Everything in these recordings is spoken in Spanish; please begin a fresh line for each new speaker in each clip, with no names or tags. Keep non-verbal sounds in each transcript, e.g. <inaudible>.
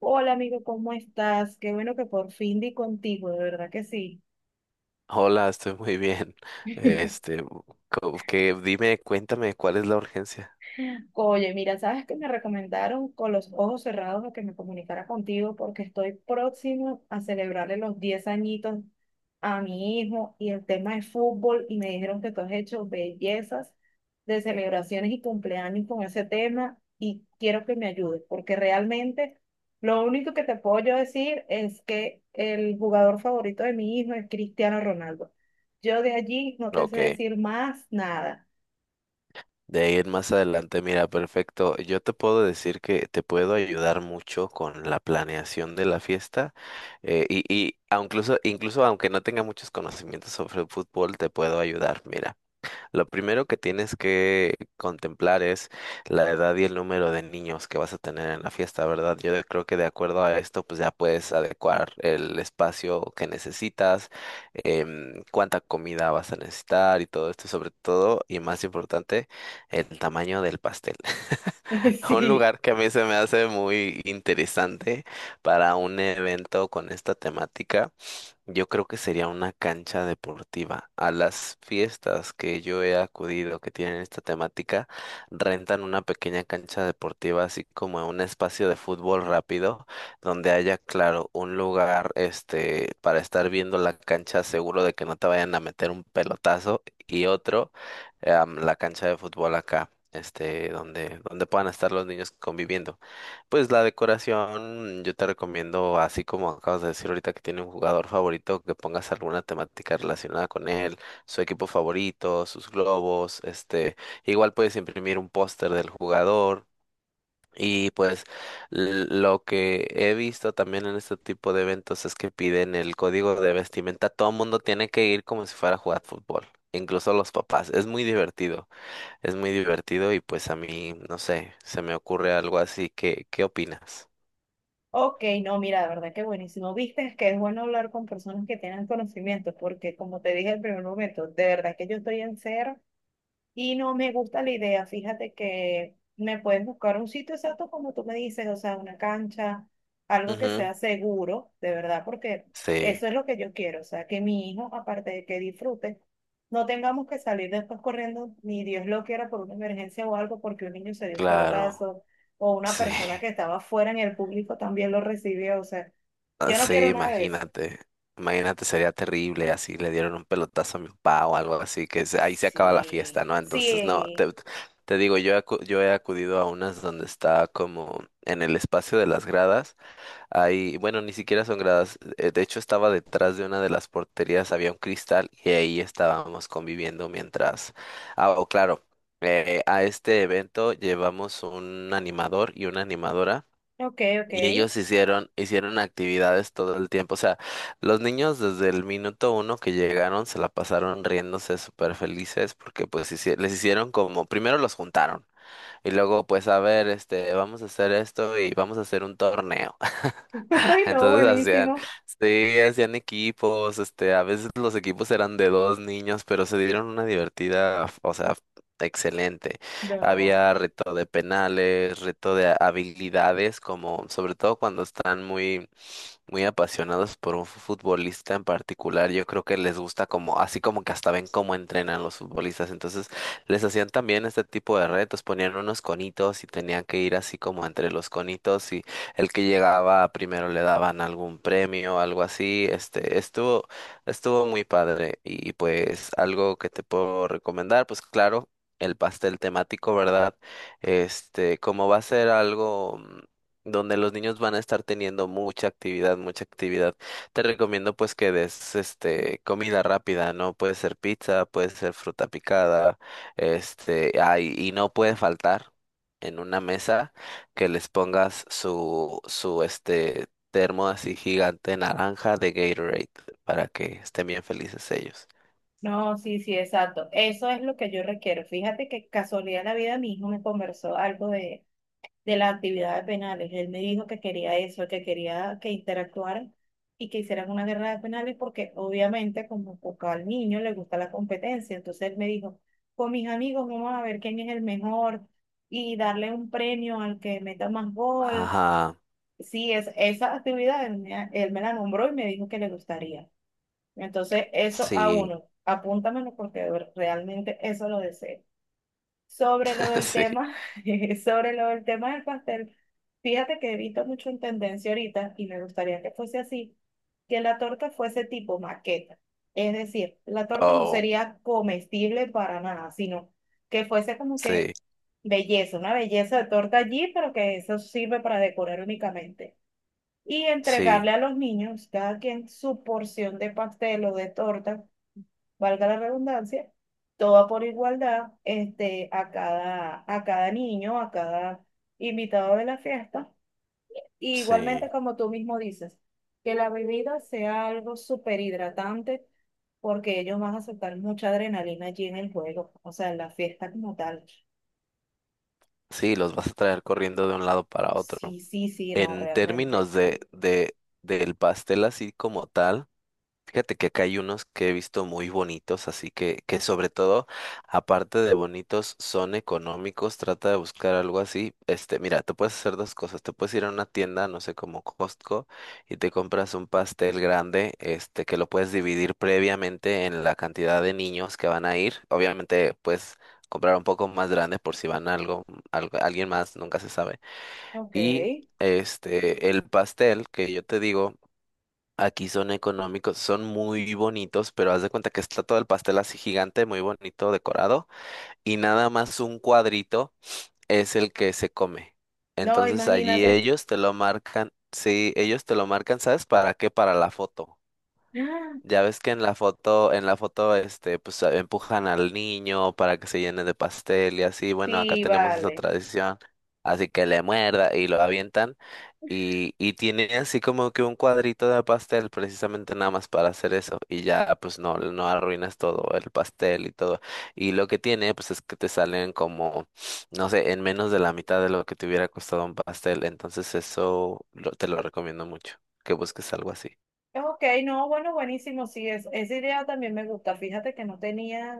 Hola amigo, ¿cómo estás? Qué bueno que por fin di contigo, de verdad que sí.
Hola, estoy muy bien.
<laughs>
Este, que dime, cuéntame cuál es la urgencia.
Oye, mira, sabes que me recomendaron con los ojos cerrados a que me comunicara contigo porque estoy próximo a celebrarle los 10 añitos a mi hijo y el tema es fútbol y me dijeron que tú has hecho bellezas de celebraciones y cumpleaños con ese tema y quiero que me ayudes porque realmente lo único que te puedo yo decir es que el jugador favorito de mi hijo es Cristiano Ronaldo. Yo de allí no te sé
Ok,
decir más nada.
de ahí en más adelante, mira, perfecto. Yo te puedo decir que te puedo ayudar mucho con la planeación de la fiesta y incluso, aunque no tenga muchos conocimientos sobre fútbol, te puedo ayudar. Mira. Lo primero que tienes que contemplar es la edad y el número de niños que vas a tener en la fiesta, ¿verdad? Yo creo que de acuerdo a esto, pues ya puedes adecuar el espacio que necesitas, cuánta comida vas a necesitar y todo esto, sobre todo, y más importante, el tamaño del pastel. <laughs>
<laughs>
Un
Sí.
lugar que a mí se me hace muy interesante para un evento con esta temática. Yo creo que sería una cancha deportiva. A las fiestas que yo he acudido que tienen esta temática, rentan una pequeña cancha deportiva, así como un espacio de fútbol rápido, donde haya, claro, un lugar, para estar viendo la cancha, seguro de que no te vayan a meter un pelotazo, y otro, la cancha de fútbol acá, donde puedan estar los niños conviviendo. Pues la decoración, yo te recomiendo, así como acabas de decir ahorita que tiene un jugador favorito, que pongas alguna temática relacionada con él, su equipo favorito, sus globos, igual puedes imprimir un póster del jugador. Y pues lo que he visto también en este tipo de eventos es que piden el código de vestimenta. Todo el mundo tiene que ir como si fuera a jugar fútbol, incluso los papás. Es muy divertido y pues a mí, no sé, se me ocurre algo así. ¿Qué, qué opinas?
Ok, no, mira, de verdad que buenísimo. Viste, es que es bueno hablar con personas que tengan conocimiento, porque como te dije en el primer momento, de verdad que yo estoy en cero. Y no me gusta la idea, fíjate que me puedes buscar un sitio exacto como tú me dices, o sea, una cancha, algo que
Ujú,
sea seguro, de verdad, porque
sí,
eso es lo que yo quiero, o sea, que mi hijo, aparte de que disfrute, no tengamos que salir después corriendo, ni Dios lo quiera, por una emergencia o algo, porque un niño se dio un
claro,
pelotazo, o una
sí,
persona que estaba fuera en el público también lo recibió, o sea,
<laughs>
yo no
sí,
quiero nada de eso.
imagínate, imagínate, sería terrible, así le dieron un pelotazo a mi papá o algo así, ahí se acaba la fiesta,
Sí,
¿no? Entonces, no,
sí,
te digo, yo he acudido a unas donde está como en el espacio de las gradas. Ahí, bueno, ni siquiera son gradas. De hecho, estaba detrás de una de las porterías, había un cristal y ahí estábamos conviviendo mientras. Ah, oh, claro, a este evento llevamos un animador y una animadora.
ok, ok.
Y ellos hicieron, hicieron actividades todo el tiempo. O sea, los niños desde el minuto uno que llegaron se la pasaron riéndose súper felices porque pues les hicieron como, primero los juntaron. Y luego, pues, a ver, vamos a hacer esto y vamos a hacer un torneo. <laughs>
<laughs> Ay, no,
Entonces hacían,
buenísimo.
sí, hacían equipos, a veces los equipos eran de dos niños, pero se dieron una divertida, o sea, excelente.
No,
Había reto de penales, reto de habilidades, como sobre todo cuando están muy, muy apasionados por un futbolista en particular, yo creo que les gusta como, así como que hasta ven cómo entrenan los futbolistas, entonces les hacían también este tipo de retos, ponían unos conitos y tenían que ir así como entre los conitos y el que llegaba primero le daban algún premio, algo así. Estuvo, estuvo muy padre y pues algo que te puedo recomendar, pues claro, el pastel temático, ¿verdad? Como va a ser algo donde los niños van a estar teniendo mucha actividad, mucha actividad. Te recomiendo pues que des este comida rápida, ¿no? Puede ser pizza, puede ser fruta picada, y no puede faltar en una mesa que les pongas su este termo así gigante naranja de Gatorade para que estén bien felices ellos.
no, sí, sí, exacto. Eso es lo que yo requiero. Fíjate que casualidad de la vida, mi hijo me conversó algo de las actividades penales. Él me dijo que quería eso, que quería que interactuaran y que hicieran una guerra de penales porque obviamente como poco al niño le gusta la competencia. Entonces él me dijo, con mis amigos vamos a ver quién es el mejor y darle un premio al que meta más gol.
Ajá,
Sí, esa actividad él me la nombró y me dijo que le gustaría. Entonces, eso a
sí,
uno, apúntamelo porque realmente eso lo deseo. Sobre lo
<laughs>
del
sí,
tema, <laughs> sobre lo del tema del pastel, fíjate que he visto mucho en tendencia ahorita y me gustaría que fuese así, que la torta fuese tipo maqueta. Es decir, la torta no
oh,
sería comestible para nada, sino que fuese como
sí,
que belleza, una belleza de torta allí, pero que eso sirve para decorar únicamente. Y
sí,
entregarle a los niños, cada quien su porción de pastel o de torta valga la redundancia, toda por igualdad, a cada niño, a cada invitado de la fiesta. Y igualmente,
sí,
como tú mismo dices, que la bebida sea algo súper hidratante, porque ellos van a soltar mucha adrenalina allí en el juego, o sea, en la fiesta como tal.
sí, los vas a traer corriendo de un lado para otro.
Sí, sí, sí, no,
En
realmente.
términos del pastel así como tal. Fíjate que acá hay unos que he visto muy bonitos, así que sobre todo, aparte de bonitos, son económicos. Trata de buscar algo así. Mira, te puedes hacer dos cosas. Te puedes ir a una tienda, no sé, como Costco, y te compras un pastel grande, que lo puedes dividir previamente en la cantidad de niños que van a ir. Obviamente, puedes comprar un poco más grande por si van algo, alguien más, nunca se sabe.
Ok.
Y el pastel que yo te digo. Aquí son económicos, son muy bonitos, pero haz de cuenta que está todo el pastel así gigante, muy bonito, decorado, y nada más un cuadrito es el que se come.
No,
Entonces allí
imagínate.
ellos te lo marcan, sí, ellos te lo marcan, ¿sabes para qué? Para la foto.
<gasps> ¡Ah!
Ya ves que en la foto, empujan al niño para que se llene de pastel y así. Bueno, acá
Sí,
tenemos esa
vale.
tradición, así que le muerda y lo avientan y tiene así como que un cuadrito de pastel precisamente nada más para hacer eso y ya pues no, no arruinas todo el pastel y todo. Y lo que tiene pues es que te salen como, no sé, en menos de la mitad de lo que te hubiera costado un pastel. Entonces eso te lo recomiendo mucho, que busques algo así.
Ok, no, bueno, buenísimo, sí, esa idea también me gusta. Fíjate que no tenía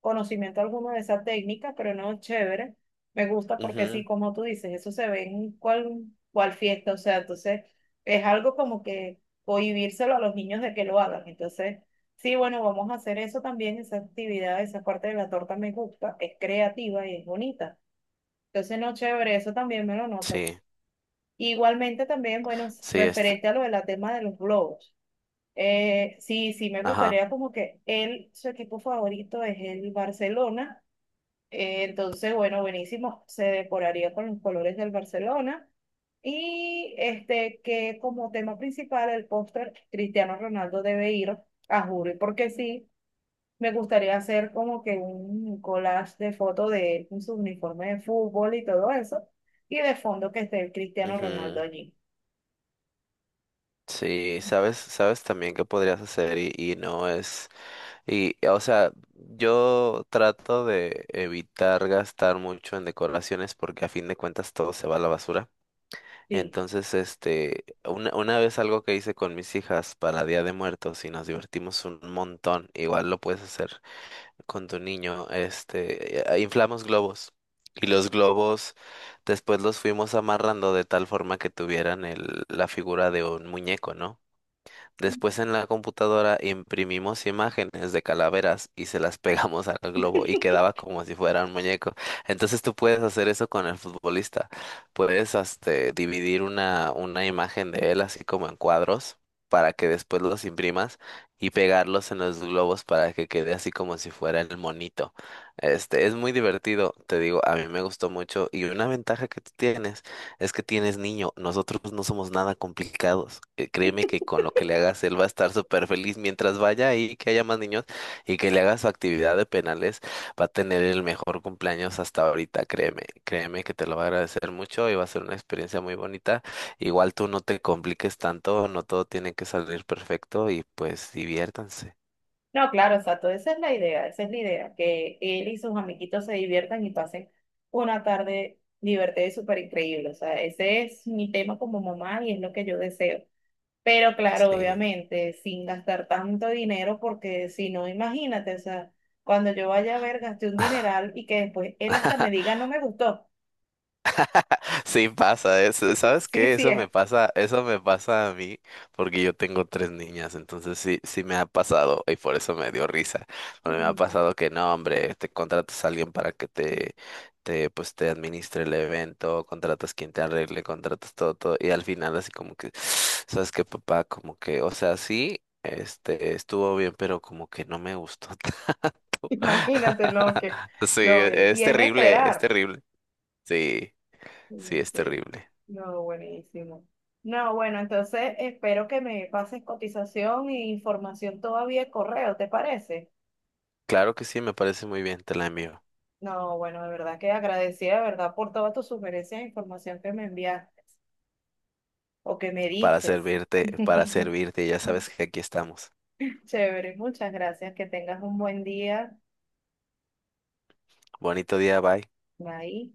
conocimiento alguno de esa técnica, pero no, chévere. Me gusta porque sí,
Ujú,
como tú dices, eso se ve en cual fiesta, o sea, entonces es algo como que cohibírselo a los niños de que lo hagan. Entonces, sí, bueno, vamos a hacer eso también, esa actividad, esa parte de la torta me gusta, es creativa y es bonita. Entonces, no, chévere, eso también me lo
sí.
notas. Igualmente también, bueno,
Sí, este,
referente a lo del tema de los globos. Sí, sí, me
ajá.
gustaría como que él, su equipo favorito es el Barcelona entonces, bueno, buenísimo. Se decoraría con los colores del Barcelona. Y este, que como tema principal, el póster, Cristiano Ronaldo debe ir a Jure, porque sí, me gustaría hacer como que un collage de fotos de él con su uniforme de fútbol y todo eso. Y de fondo que esté el Cristiano
Ujú,
Ronaldo allí.
sí, sabes, sabes también qué podrías hacer no es, o sea, yo trato de evitar gastar mucho en decoraciones porque a fin de cuentas todo se va a la basura.
Sí.
Entonces, una vez algo que hice con mis hijas para Día de Muertos y nos divertimos un montón, igual lo puedes hacer con tu niño. Inflamos globos y los globos después los fuimos amarrando de tal forma que tuvieran la figura de un muñeco, ¿no? Después en la computadora imprimimos imágenes de calaveras y se las <laughs> pegamos al globo y quedaba como si fuera un muñeco. Entonces tú puedes hacer eso con el futbolista. Puedes este, dividir una imagen de él así como en cuadros para que después los imprimas y pegarlos en los globos para que quede así como si fuera el monito. Es muy divertido, te digo, a mí me gustó mucho y una ventaja que tú tienes. Es que tienes niño, nosotros no somos nada complicados. Créeme que con lo que le hagas, él va a estar súper feliz mientras vaya y que haya más niños y que le hagas su actividad de penales, va a tener el mejor cumpleaños hasta ahorita, créeme, créeme que te lo va a agradecer mucho y va a ser una experiencia muy bonita. Igual tú no te compliques tanto, no todo tiene que salir perfecto y pues diviértanse.
No, claro, exacto. Esa es la idea, esa es la idea, que él y sus amiguitos se diviertan y pasen una tarde divertida y súper increíble. O sea, ese es mi tema como mamá y es lo que yo deseo. Pero claro,
Sí.
obviamente, sin gastar tanto dinero, porque si no, imagínate, o sea, cuando yo vaya a ver, gasté un dineral y que después él hasta me
<laughs>
diga, no me gustó.
Sí pasa,
<laughs>
¿sabes
Sí,
qué?
sí, es. <laughs>
Eso me pasa a mí porque yo tengo tres niñas, entonces sí, sí me ha pasado y por eso me dio risa, porque me ha
Mm,
pasado que no, hombre, te contratas a alguien para que pues te administre el evento, contratas quien te arregle, contratas todo, todo y al final así como que, <sighs> ¿sabes qué, papá? Como que, o sea, sí, estuvo bien, pero como que no me gustó.
imagínate
<laughs> Sí,
y es de
es
esperar.
terrible, sí, sí,
Mm,
es
sí,
terrible.
no, buenísimo. No, bueno, entonces espero que me pases cotización e información todavía de correo, ¿te parece?
Claro que sí, me parece muy bien, te la envío.
No, bueno, de verdad que agradecida, de verdad, por todas tus sugerencias e información que me enviaste o que me diste.
Para
<laughs>
servirte, ya sabes que aquí estamos.
Chévere, muchas gracias, que tengas un buen día.
Bonito día, bye.
Bye.